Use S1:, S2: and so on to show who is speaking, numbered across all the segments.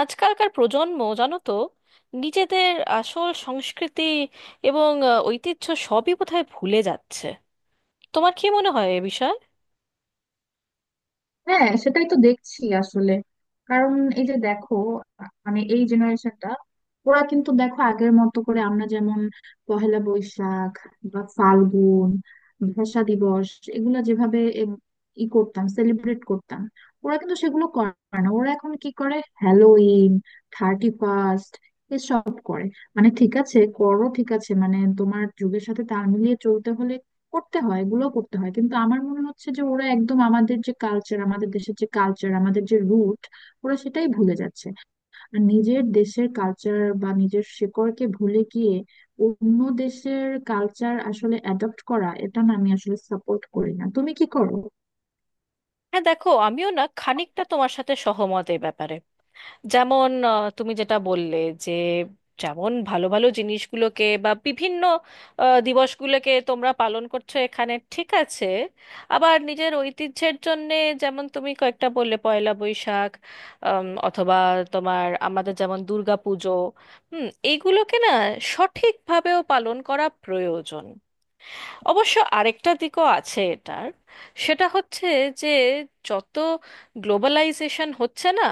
S1: আজকালকার প্রজন্ম জানো তো, নিজেদের আসল সংস্কৃতি এবং ঐতিহ্য সবই বোধহয় ভুলে যাচ্ছে। তোমার কি মনে হয় এ বিষয়ে?
S2: হ্যাঁ সেটাই তো দেখছি আসলে। কারণ এই যে দেখো, মানে এই জেনারেশনটা ওরা কিন্তু দেখো আগের মতো করে আমরা যেমন পহেলা বৈশাখ বা ফাল্গুন, ভাষা দিবস এগুলা যেভাবে এম, ই করতাম, সেলিব্রেট করতাম, ওরা কিন্তু সেগুলো করে না। ওরা এখন কি করে? হ্যালোইন, থার্টি ফার্স্ট এসব করে। মানে ঠিক আছে করো, ঠিক আছে মানে তোমার যুগের সাথে তাল মিলিয়ে চলতে হলে করতে হয়, এগুলো করতে হয়, কিন্তু আমার মনে হচ্ছে যে ওরা একদম আমাদের যে কালচার, আমাদের দেশের যে কালচার, আমাদের যে রুট, ওরা সেটাই ভুলে যাচ্ছে। আর নিজের দেশের কালচার বা নিজের শিকড়কে ভুলে গিয়ে অন্য দেশের কালচার আসলে অ্যাডপ্ট করা, এটা না, আমি আসলে সাপোর্ট করি না। তুমি কি করো?
S1: হ্যাঁ দেখো, আমিও না খানিকটা তোমার সাথে সহমত এ ব্যাপারে। যেমন তুমি যেটা বললে যে, যেমন ভালো ভালো জিনিসগুলোকে বা বিভিন্ন দিবসগুলোকে তোমরা পালন করছো, এখানে ঠিক আছে। আবার নিজের ঐতিহ্যের জন্যে যেমন তুমি কয়েকটা বললে পয়লা বৈশাখ, অথবা তোমার আমাদের যেমন দুর্গা পুজো, এইগুলোকে না সঠিকভাবেও পালন করা প্রয়োজন। অবশ্য আরেকটা দিকও আছে এটার। সেটা হচ্ছে যে, যত গ্লোবালাইজেশন হচ্ছে না,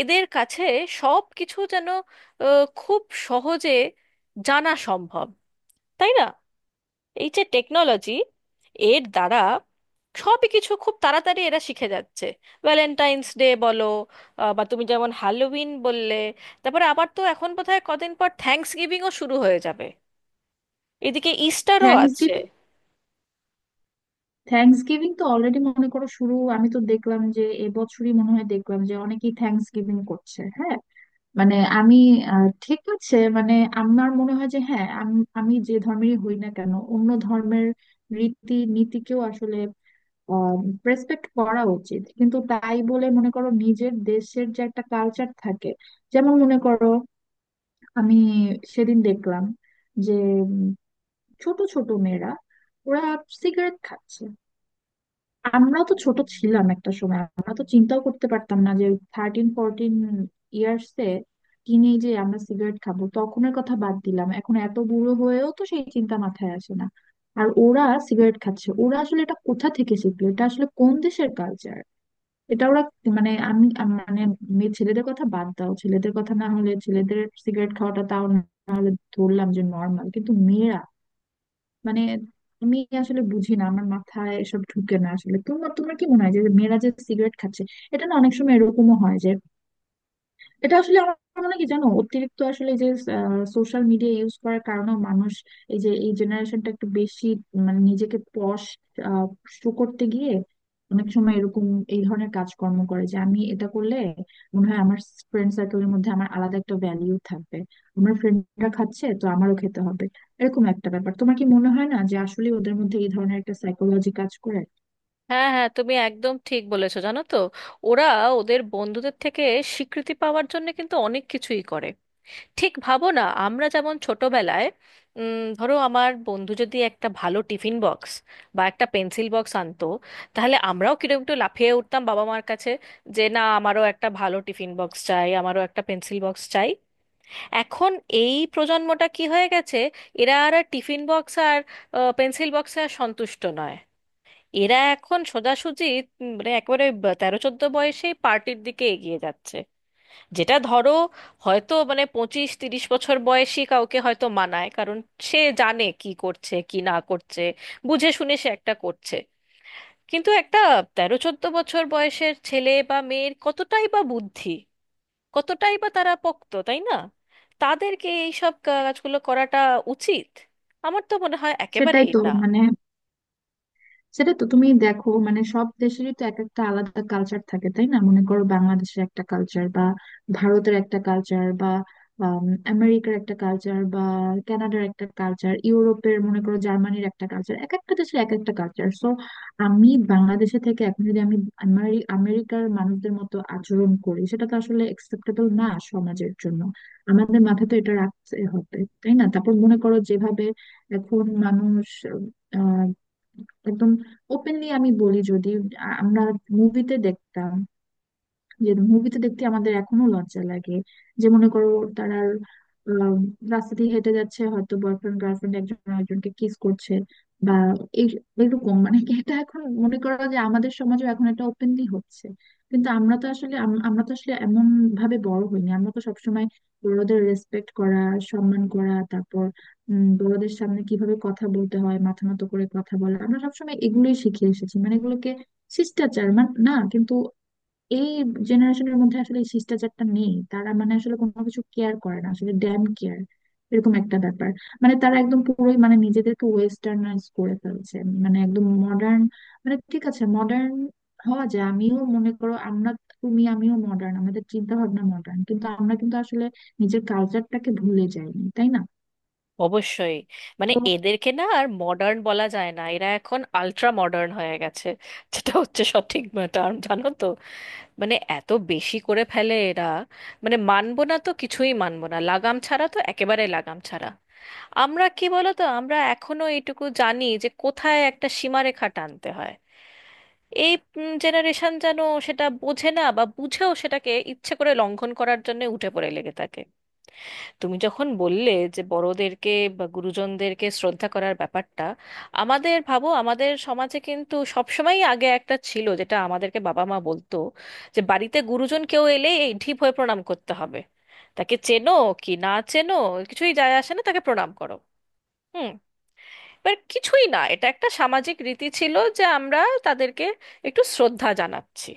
S1: এদের কাছে সব কিছু যেন খুব সহজে জানা সম্ভব, তাই না? এই যে টেকনোলজি, এর দ্বারা সবই কিছু খুব তাড়াতাড়ি এরা শিখে যাচ্ছে। ভ্যালেন্টাইন্স ডে বলো, বা তুমি যেমন হ্যালোউইন বললে, তারপরে আবার তো এখন বোধহয় কদিন পর থ্যাঙ্কস গিভিংও শুরু হয়ে যাবে। এদিকে ইস্টারও
S2: থ্যাংকস
S1: আছে।
S2: গিভিং, থ্যাংকস গিভিং তো অলরেডি মনে করো শুরু। আমি তো দেখলাম যে এবছরই মনে হয়, দেখলাম যে অনেকেই থ্যাংকস গিভিং করছে। হ্যাঁ, মানে আমি ঠিক আছে, মানে আমার মনে হয় যে হ্যাঁ, আমি আমি যে ধর্মেরই হই না কেন, অন্য ধর্মের রীতি নীতিকেও আসলে রেসপেক্ট করা উচিত, কিন্তু তাই বলে মনে করো নিজের দেশের যে একটা কালচার থাকে। যেমন মনে করো আমি সেদিন দেখলাম যে উম, ছোট ছোট মেয়েরা ওরা সিগারেট খাচ্ছে। আমরা তো ছোট ছিলাম একটা সময়, আমরা তো চিন্তাও করতে পারতাম না যে 13-14 ইয়ার্স এ, টিনেজে আমরা সিগারেট খাবো। তখনের কথা বাদ দিলাম, এখন এত বুড়ো হয়েও তো সেই চিন্তা মাথায় আসে না। আর ওরা সিগারেট খাচ্ছে, ওরা আসলে এটা কোথা থেকে শিখলো, এটা আসলে কোন দেশের কালচার? এটা ওরা মানে মানে মেয়ে ছেলেদের কথা বাদ দাও, ছেলেদের কথা না হলে, ছেলেদের সিগারেট খাওয়াটা তাও না হলে ধরলাম যে নর্মাল, কিন্তু মেয়েরা মানে আমি আসলে বুঝি না, আমার মাথায় এসব ঢুকে না আসলে। তোমার তোমার কি মনে হয় যে মেয়েরা যে সিগারেট খাচ্ছে এটা? না, অনেক সময় এরকমও হয় যে এটা আসলে, আমার মনে হয় কি জানো, অতিরিক্ত আসলে যে সোশ্যাল মিডিয়া ইউজ করার কারণে মানুষ, এই যে এই জেনারেশনটা একটু বেশি মানে নিজেকে শো করতে গিয়ে অনেক সময় এরকম এই ধরনের কাজকর্ম করে, যে আমি এটা করলে মনে হয় আমার ফ্রেন্ড সার্কেলের মধ্যে আমার আলাদা একটা ভ্যালিউ থাকবে, আমার ফ্রেন্ডরা খাচ্ছে তো আমারও খেতে হবে, এরকম একটা ব্যাপার। তোমার কি মনে হয় না যে আসলে ওদের মধ্যে এই ধরনের একটা সাইকোলজি কাজ করে?
S1: হ্যাঁ, হ্যাঁ, তুমি একদম ঠিক বলেছো জানো তো। ওরা ওদের বন্ধুদের থেকে স্বীকৃতি পাওয়ার জন্য কিন্তু অনেক কিছুই করে। ঠিক ভাবো না, আমরা যেমন ছোটবেলায় ধরো আমার বন্ধু যদি একটা ভালো টিফিন বক্স বা একটা পেন্সিল বক্স আনতো, তাহলে আমরাও কিরকম একটু লাফিয়ে উঠতাম বাবা মার কাছে যে না, আমারও একটা ভালো টিফিন বক্স চাই, আমারও একটা পেন্সিল বক্স চাই। এখন এই প্রজন্মটা কি হয়ে গেছে, এরা আর টিফিন বক্স আর পেন্সিল বক্সে আর সন্তুষ্ট নয়। এরা এখন সোজাসুজি মানে একেবারে 13-14 বয়সেই পার্টির দিকে এগিয়ে যাচ্ছে। যেটা ধরো, হয়তো মানে 25-30 বছর বয়সী কাউকে হয়তো মানায়, কারণ সে জানে কি করছে কি না করছে, বুঝে শুনে সে একটা করছে। কিন্তু একটা 13-14 বছর বয়সের ছেলে বা মেয়ের কতটাই বা বুদ্ধি, কতটাই বা তারা পোক্ত, তাই না? তাদেরকে এইসব কাজগুলো করাটা উচিত? আমার তো মনে হয়
S2: সেটাই
S1: একেবারেই
S2: তো,
S1: না।
S2: মানে সেটা তো তুমি দেখো, মানে সব দেশেরই তো এক একটা আলাদা কালচার থাকে তাই না? মনে করো বাংলাদেশের একটা কালচার বা ভারতের একটা কালচার বা আম, আমেরিকার একটা কালচার বা কানাডার একটা কালচার, ইউরোপের মনে করো জার্মানির একটা কালচার, এক একটা দেশের এক একটা কালচার। সো আমি বাংলাদেশে থেকে এখন যদি আমি আমেরিকার মানুষদের মতো আচরণ করি, সেটা তো আসলে একসেপ্টেবল না সমাজের জন্য। আমাদের মাথায় তো এটা রাখতে হবে তাই না? তারপর মনে করো যেভাবে এখন মানুষ একদম ওপেনলি, আমি বলি যদি, আমরা মুভিতে দেখতাম, যে মুভিতে দেখতে আমাদের এখনো লজ্জা লাগে, যে মনে করো তারা আহ, রাস্তা দিয়ে হেঁটে যাচ্ছে হয়তো, বয়ফ্রেন্ড গার্লফ্রেন্ড একজন আরেকজনকে কিস করছে বা এই এরকম, মানে কি এটা, এখন মনে করো যে আমাদের সমাজে এখন এটা ওপেনলি হচ্ছে। কিন্তু আমরা তো আসলে আমরা তো আসলে এমন ভাবে বড় হইনি। আমরা তো সবসময় বড়দের রেসপেক্ট করা, সম্মান করা, তারপর বড়দের সামনে কিভাবে কথা বলতে হয়, মাথা নত করে কথা বলা, আমরা সবসময় এগুলোই শিখে এসেছি, মানে এগুলোকে শিষ্টাচার মানে, না কিন্তু এই জেনারেশনের মধ্যে আসলে এই শিষ্টাচারটা নেই। তারা মানে আসলে কোনো কিছু কেয়ার করে না আসলে, ড্যাম কেয়ার এরকম একটা ব্যাপার। মানে তারা একদম পুরোই মানে নিজেদেরকে ওয়েস্টার্নাইজ করে ফেলছে, মানে একদম মডার্ন। মানে ঠিক আছে মডার্ন হওয়া যায়, আমিও মনে করো, আমরা, তুমি আমিও মডার্ন, আমাদের চিন্তা ভাবনা মডার্ন, কিন্তু আমরা কিন্তু আসলে নিজের কালচারটাকে ভুলে যাইনি তাই না?
S1: অবশ্যই, মানে
S2: তো
S1: এদেরকে না আর মডার্ন বলা যায় না, এরা এখন আল্ট্রা মডার্ন হয়ে গেছে, যেটা হচ্ছে সঠিক টার্ম জানো তো। মানে এত বেশি করে ফেলে এরা, মানে মানবো না তো কিছুই মানবো না, লাগাম ছাড়া তো একেবারে লাগাম ছাড়া। আমরা কি বলতো, আমরা এখনো এইটুকু জানি যে কোথায় একটা সীমারেখা টানতে হয়। এই জেনারেশন যেন সেটা বোঝে না, বা বুঝেও সেটাকে ইচ্ছে করে লঙ্ঘন করার জন্য উঠে পড়ে লেগে থাকে। তুমি যখন বললে যে বড়দেরকে বা গুরুজনদেরকে শ্রদ্ধা করার ব্যাপারটা, আমাদের ভাবো আমাদের সমাজে কিন্তু সবসময়ই আগে একটা ছিল, যেটা আমাদেরকে বাবা মা বলতো যে বাড়িতে গুরুজন কেউ এলে এই ঢিপ হয়ে প্রণাম করতে হবে। তাকে চেনো কি না চেনো কিছুই যায় আসে না, তাকে প্রণাম করো। হুম বাট কিছুই না, এটা একটা সামাজিক রীতি ছিল যে আমরা তাদেরকে একটু শ্রদ্ধা জানাচ্ছি।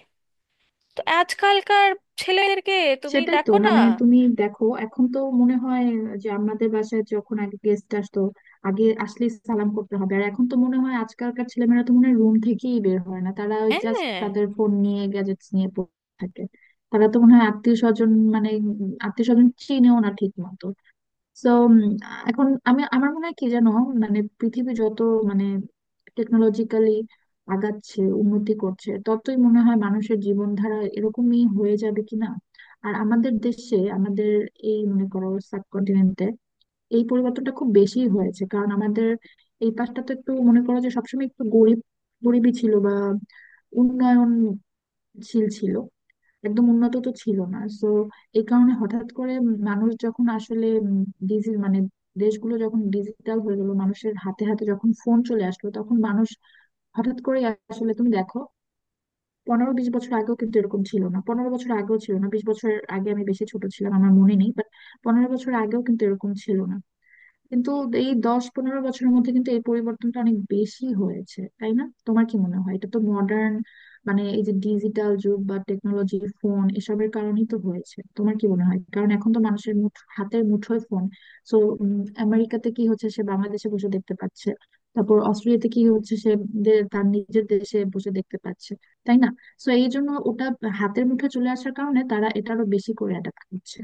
S1: তো আজকালকার ছেলেদেরকে তুমি
S2: সেটাই তো,
S1: দেখো না।
S2: মানে তুমি দেখো এখন তো মনে হয় যে আমাদের বাসায় যখন আগে গেস্ট আসতো, আগে আসলে সালাম করতে হবে, আর এখন তো মনে হয় আজকালকার ছেলেমেয়েরা তো মনে হয় রুম থেকেই বের হয় না, তারা ওই জাস্ট
S1: হ্যাঁ,
S2: তাদের ফোন নিয়ে, গ্যাজেটস নিয়ে পড়ে থাকে। তারা তো মনে হয় আত্মীয় স্বজন মানে আত্মীয় স্বজন চিনেও না ঠিক মতো। তো এখন আমি, আমার মনে হয় কি জানো, মানে পৃথিবী যত মানে টেকনোলজিক্যালি আগাচ্ছে, উন্নতি করছে, ততই মনে হয় মানুষের জীবনধারা এরকমই হয়ে যাবে কিনা। আর আমাদের দেশে, আমাদের এই মনে করো সাবকন্টিনেন্টে এই পরিবর্তনটা খুব বেশি হয়েছে, কারণ আমাদের এই পাশটা তো একটু মনে করো যে সবসময় একটু গরিবই ছিল বা উন্নয়নশীল ছিল, একদম উন্নত তো ছিল না। সো এই কারণে হঠাৎ করে মানুষ যখন আসলে ডিজি মানে দেশগুলো যখন ডিজিটাল হয়ে গেল, মানুষের হাতে হাতে যখন ফোন চলে আসলো, তখন মানুষ হঠাৎ করে আসলে, তুমি দেখো 15-20 বছর আগেও কিন্তু এরকম ছিল না, 15 বছর আগেও ছিল না, 20 বছর আগে আমি বেশি ছোট ছিলাম, আমার মনে নেই, বাট 15 বছর আগেও কিন্তু এরকম ছিল না, কিন্তু এই 10-15 বছরের মধ্যে কিন্তু এই পরিবর্তনটা অনেক বেশি হয়েছে তাই না? তোমার কি মনে হয়, এটা তো মডার্ন মানে এই যে ডিজিটাল যুগ বা টেকনোলজি ফোন এসবের কারণেই তো হয়েছে, তোমার কি মনে হয়? কারণ এখন তো মানুষের হাতের মুঠোয় ফোন, সো আমেরিকাতে কি হচ্ছে সে বাংলাদেশে বসে দেখতে পাচ্ছে, তারপর অস্ট্রেলিয়াতে কি হচ্ছে সে তার নিজের দেশে বসে দেখতে পাচ্ছে তাই না? সো এই জন্য ওটা হাতের মুঠোয় চলে আসার কারণে তারা এটারও বেশি করে অ্যাডাপ্ট করছে।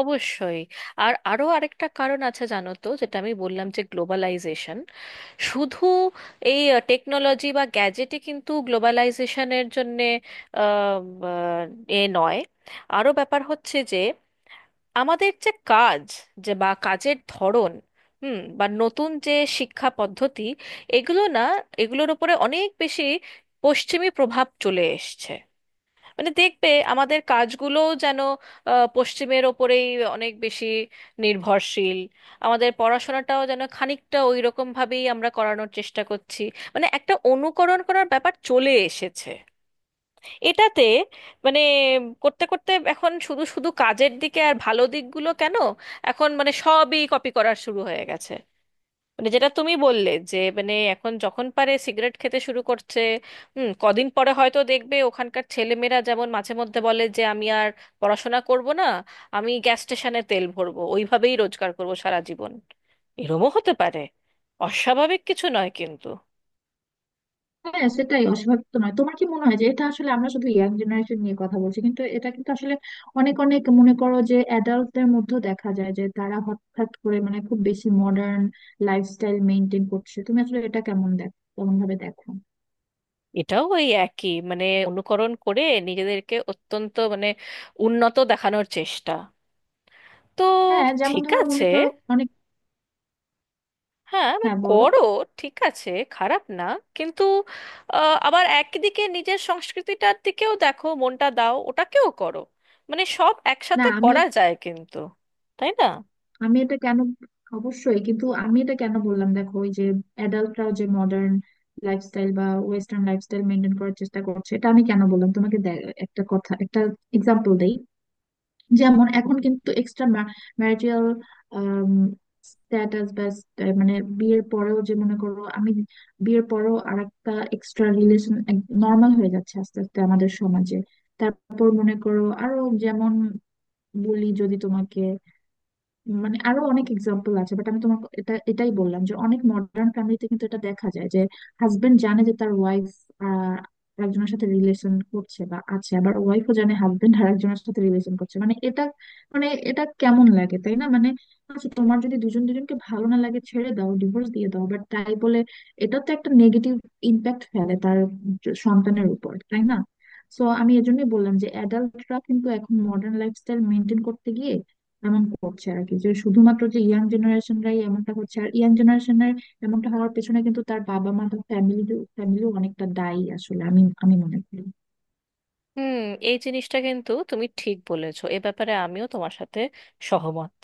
S1: অবশ্যই। আর আরো আরেকটা কারণ আছে জানো তো, যেটা আমি বললাম যে গ্লোবালাইজেশন। শুধু এই টেকনোলজি বা গ্যাজেটে কিন্তু গ্লোবালাইজেশনের জন্যে আহ, আহ, এ নয়, আরো ব্যাপার হচ্ছে যে আমাদের যে কাজ যে বা কাজের ধরন, বা নতুন যে শিক্ষা পদ্ধতি, এগুলো না এগুলোর উপরে অনেক বেশি পশ্চিমী প্রভাব চলে এসছে। মানে দেখবে আমাদের কাজগুলো যেন পশ্চিমের ওপরেই অনেক বেশি নির্ভরশীল। আমাদের পড়াশোনাটাও যেন খানিকটা ওই রকম ভাবেই আমরা করানোর চেষ্টা করছি, মানে একটা অনুকরণ করার ব্যাপার চলে এসেছে এটাতে। মানে করতে করতে এখন শুধু শুধু কাজের দিকে আর ভালো দিকগুলো কেন, এখন মানে সবই কপি করার শুরু হয়ে গেছে। মানে যেটা তুমি বললে যে, মানে এখন যখন পারে সিগারেট খেতে শুরু করছে। কদিন পরে হয়তো দেখবে ওখানকার ছেলেমেয়েরা যেমন মাঝে মধ্যে বলে যে আমি আর পড়াশোনা করব না, আমি গ্যাস স্টেশনে তেল ভরবো, ওইভাবেই রোজগার করব সারা জীবন। এরমও হতে পারে, অস্বাভাবিক কিছু নয় কিন্তু।
S2: হ্যাঁ সেটাই, অস্বাভাবিক তো নয়। তোমার কি মনে হয় যে এটা আসলে, আমরা শুধু ইয়াং জেনারেশন নিয়ে কথা বলছি কিন্তু এটা কিন্তু আসলে অনেক, অনেক মনে করো যে অ্যাডাল্টদের মধ্যেও দেখা যায় যে তারা হঠাৎ করে মানে খুব বেশি মডার্ন লাইফস্টাইল মেনটেন করছে। তুমি আসলে এটা কেমন দেখো, কেমন ভাবে দেখো?
S1: এটাও ওই একই, মানে অনুকরণ করে নিজেদেরকে অত্যন্ত মানে উন্নত দেখানোর চেষ্টা। তো
S2: হ্যাঁ যেমন
S1: ঠিক
S2: ধরো মনে
S1: আছে,
S2: করো অনেক,
S1: হ্যাঁ মানে
S2: হ্যাঁ বলো,
S1: করো, ঠিক আছে, খারাপ না। কিন্তু আবার একদিকে নিজের সংস্কৃতিটার দিকেও দেখো, মনটা দাও, ওটাকেও করো, মানে সব
S2: না
S1: একসাথে
S2: আমি
S1: করা যায় কিন্তু, তাই না?
S2: আমি এটা কেন, অবশ্যই, কিন্তু আমি এটা কেন বললাম দেখো, ওই যে অ্যাডাল্টরাও যে মডার্ন লাইফস্টাইল বা ওয়েস্টার্ন লাইফস্টাইল মেনটেন করার চেষ্টা করছে, এটা আমি কেন বললাম তোমাকে, একটা কথা, একটা এক্সাম্পল দেই। যেমন এখন কিন্তু এক্সট্রা ম্যারিটাল স্ট্যাটাস বা মানে বিয়ের পরেও যে মনে করো আমি বিয়ের পরেও আরেকটা এক্সট্রা রিলেশন নর্মাল হয়ে যাচ্ছে আস্তে আস্তে আমাদের সমাজে। তারপর মনে করো আরো, যেমন বলি যদি তোমাকে, মানে আরো অনেক এক্সাম্পল আছে বাট আমি তোমাকে এটাই বললাম যে অনেক মডার্ন ফ্যামিলিতে কিন্তু এটা দেখা যায় যে হাজবেন্ড জানে যে তার ওয়াইফ একজনের সাথে রিলেশন করছে বা আছে, আবার ওয়াইফও জানে হাজবেন্ড আরেকজনের সাথে রিলেশন করছে, মানে এটা, মানে এটা কেমন লাগে তাই না? মানে আচ্ছা, তোমার যদি দুজন দুজনকে ভালো না লাগে ছেড়ে দাও, ডিভোর্স দিয়ে দাও, বাট তাই বলে এটা তো একটা নেগেটিভ ইম্প্যাক্ট ফেলে তার সন্তানের উপর তাই না? সো আমি এজন্যই বললাম যে অ্যাডাল্টরা কিন্তু এখন মডার্ন লাইফস্টাইল মেনটেন এমন করছে আর কি, যে শুধুমাত্র যে ইয়াং জেনারেশনরাই এমনটা হচ্ছে। আর ইয়াং জেনারেশনের এমনটা হওয়ার পেছনে কিন্তু তার বাবা মা, তার ফ্যামিলিও অনেকটা দায়ী আসলে, আমি আমি মনে করি।
S1: হুম এই জিনিসটা কিন্তু তুমি ঠিক বলেছো, এ ব্যাপারে আমিও তোমার সাথে সহমত।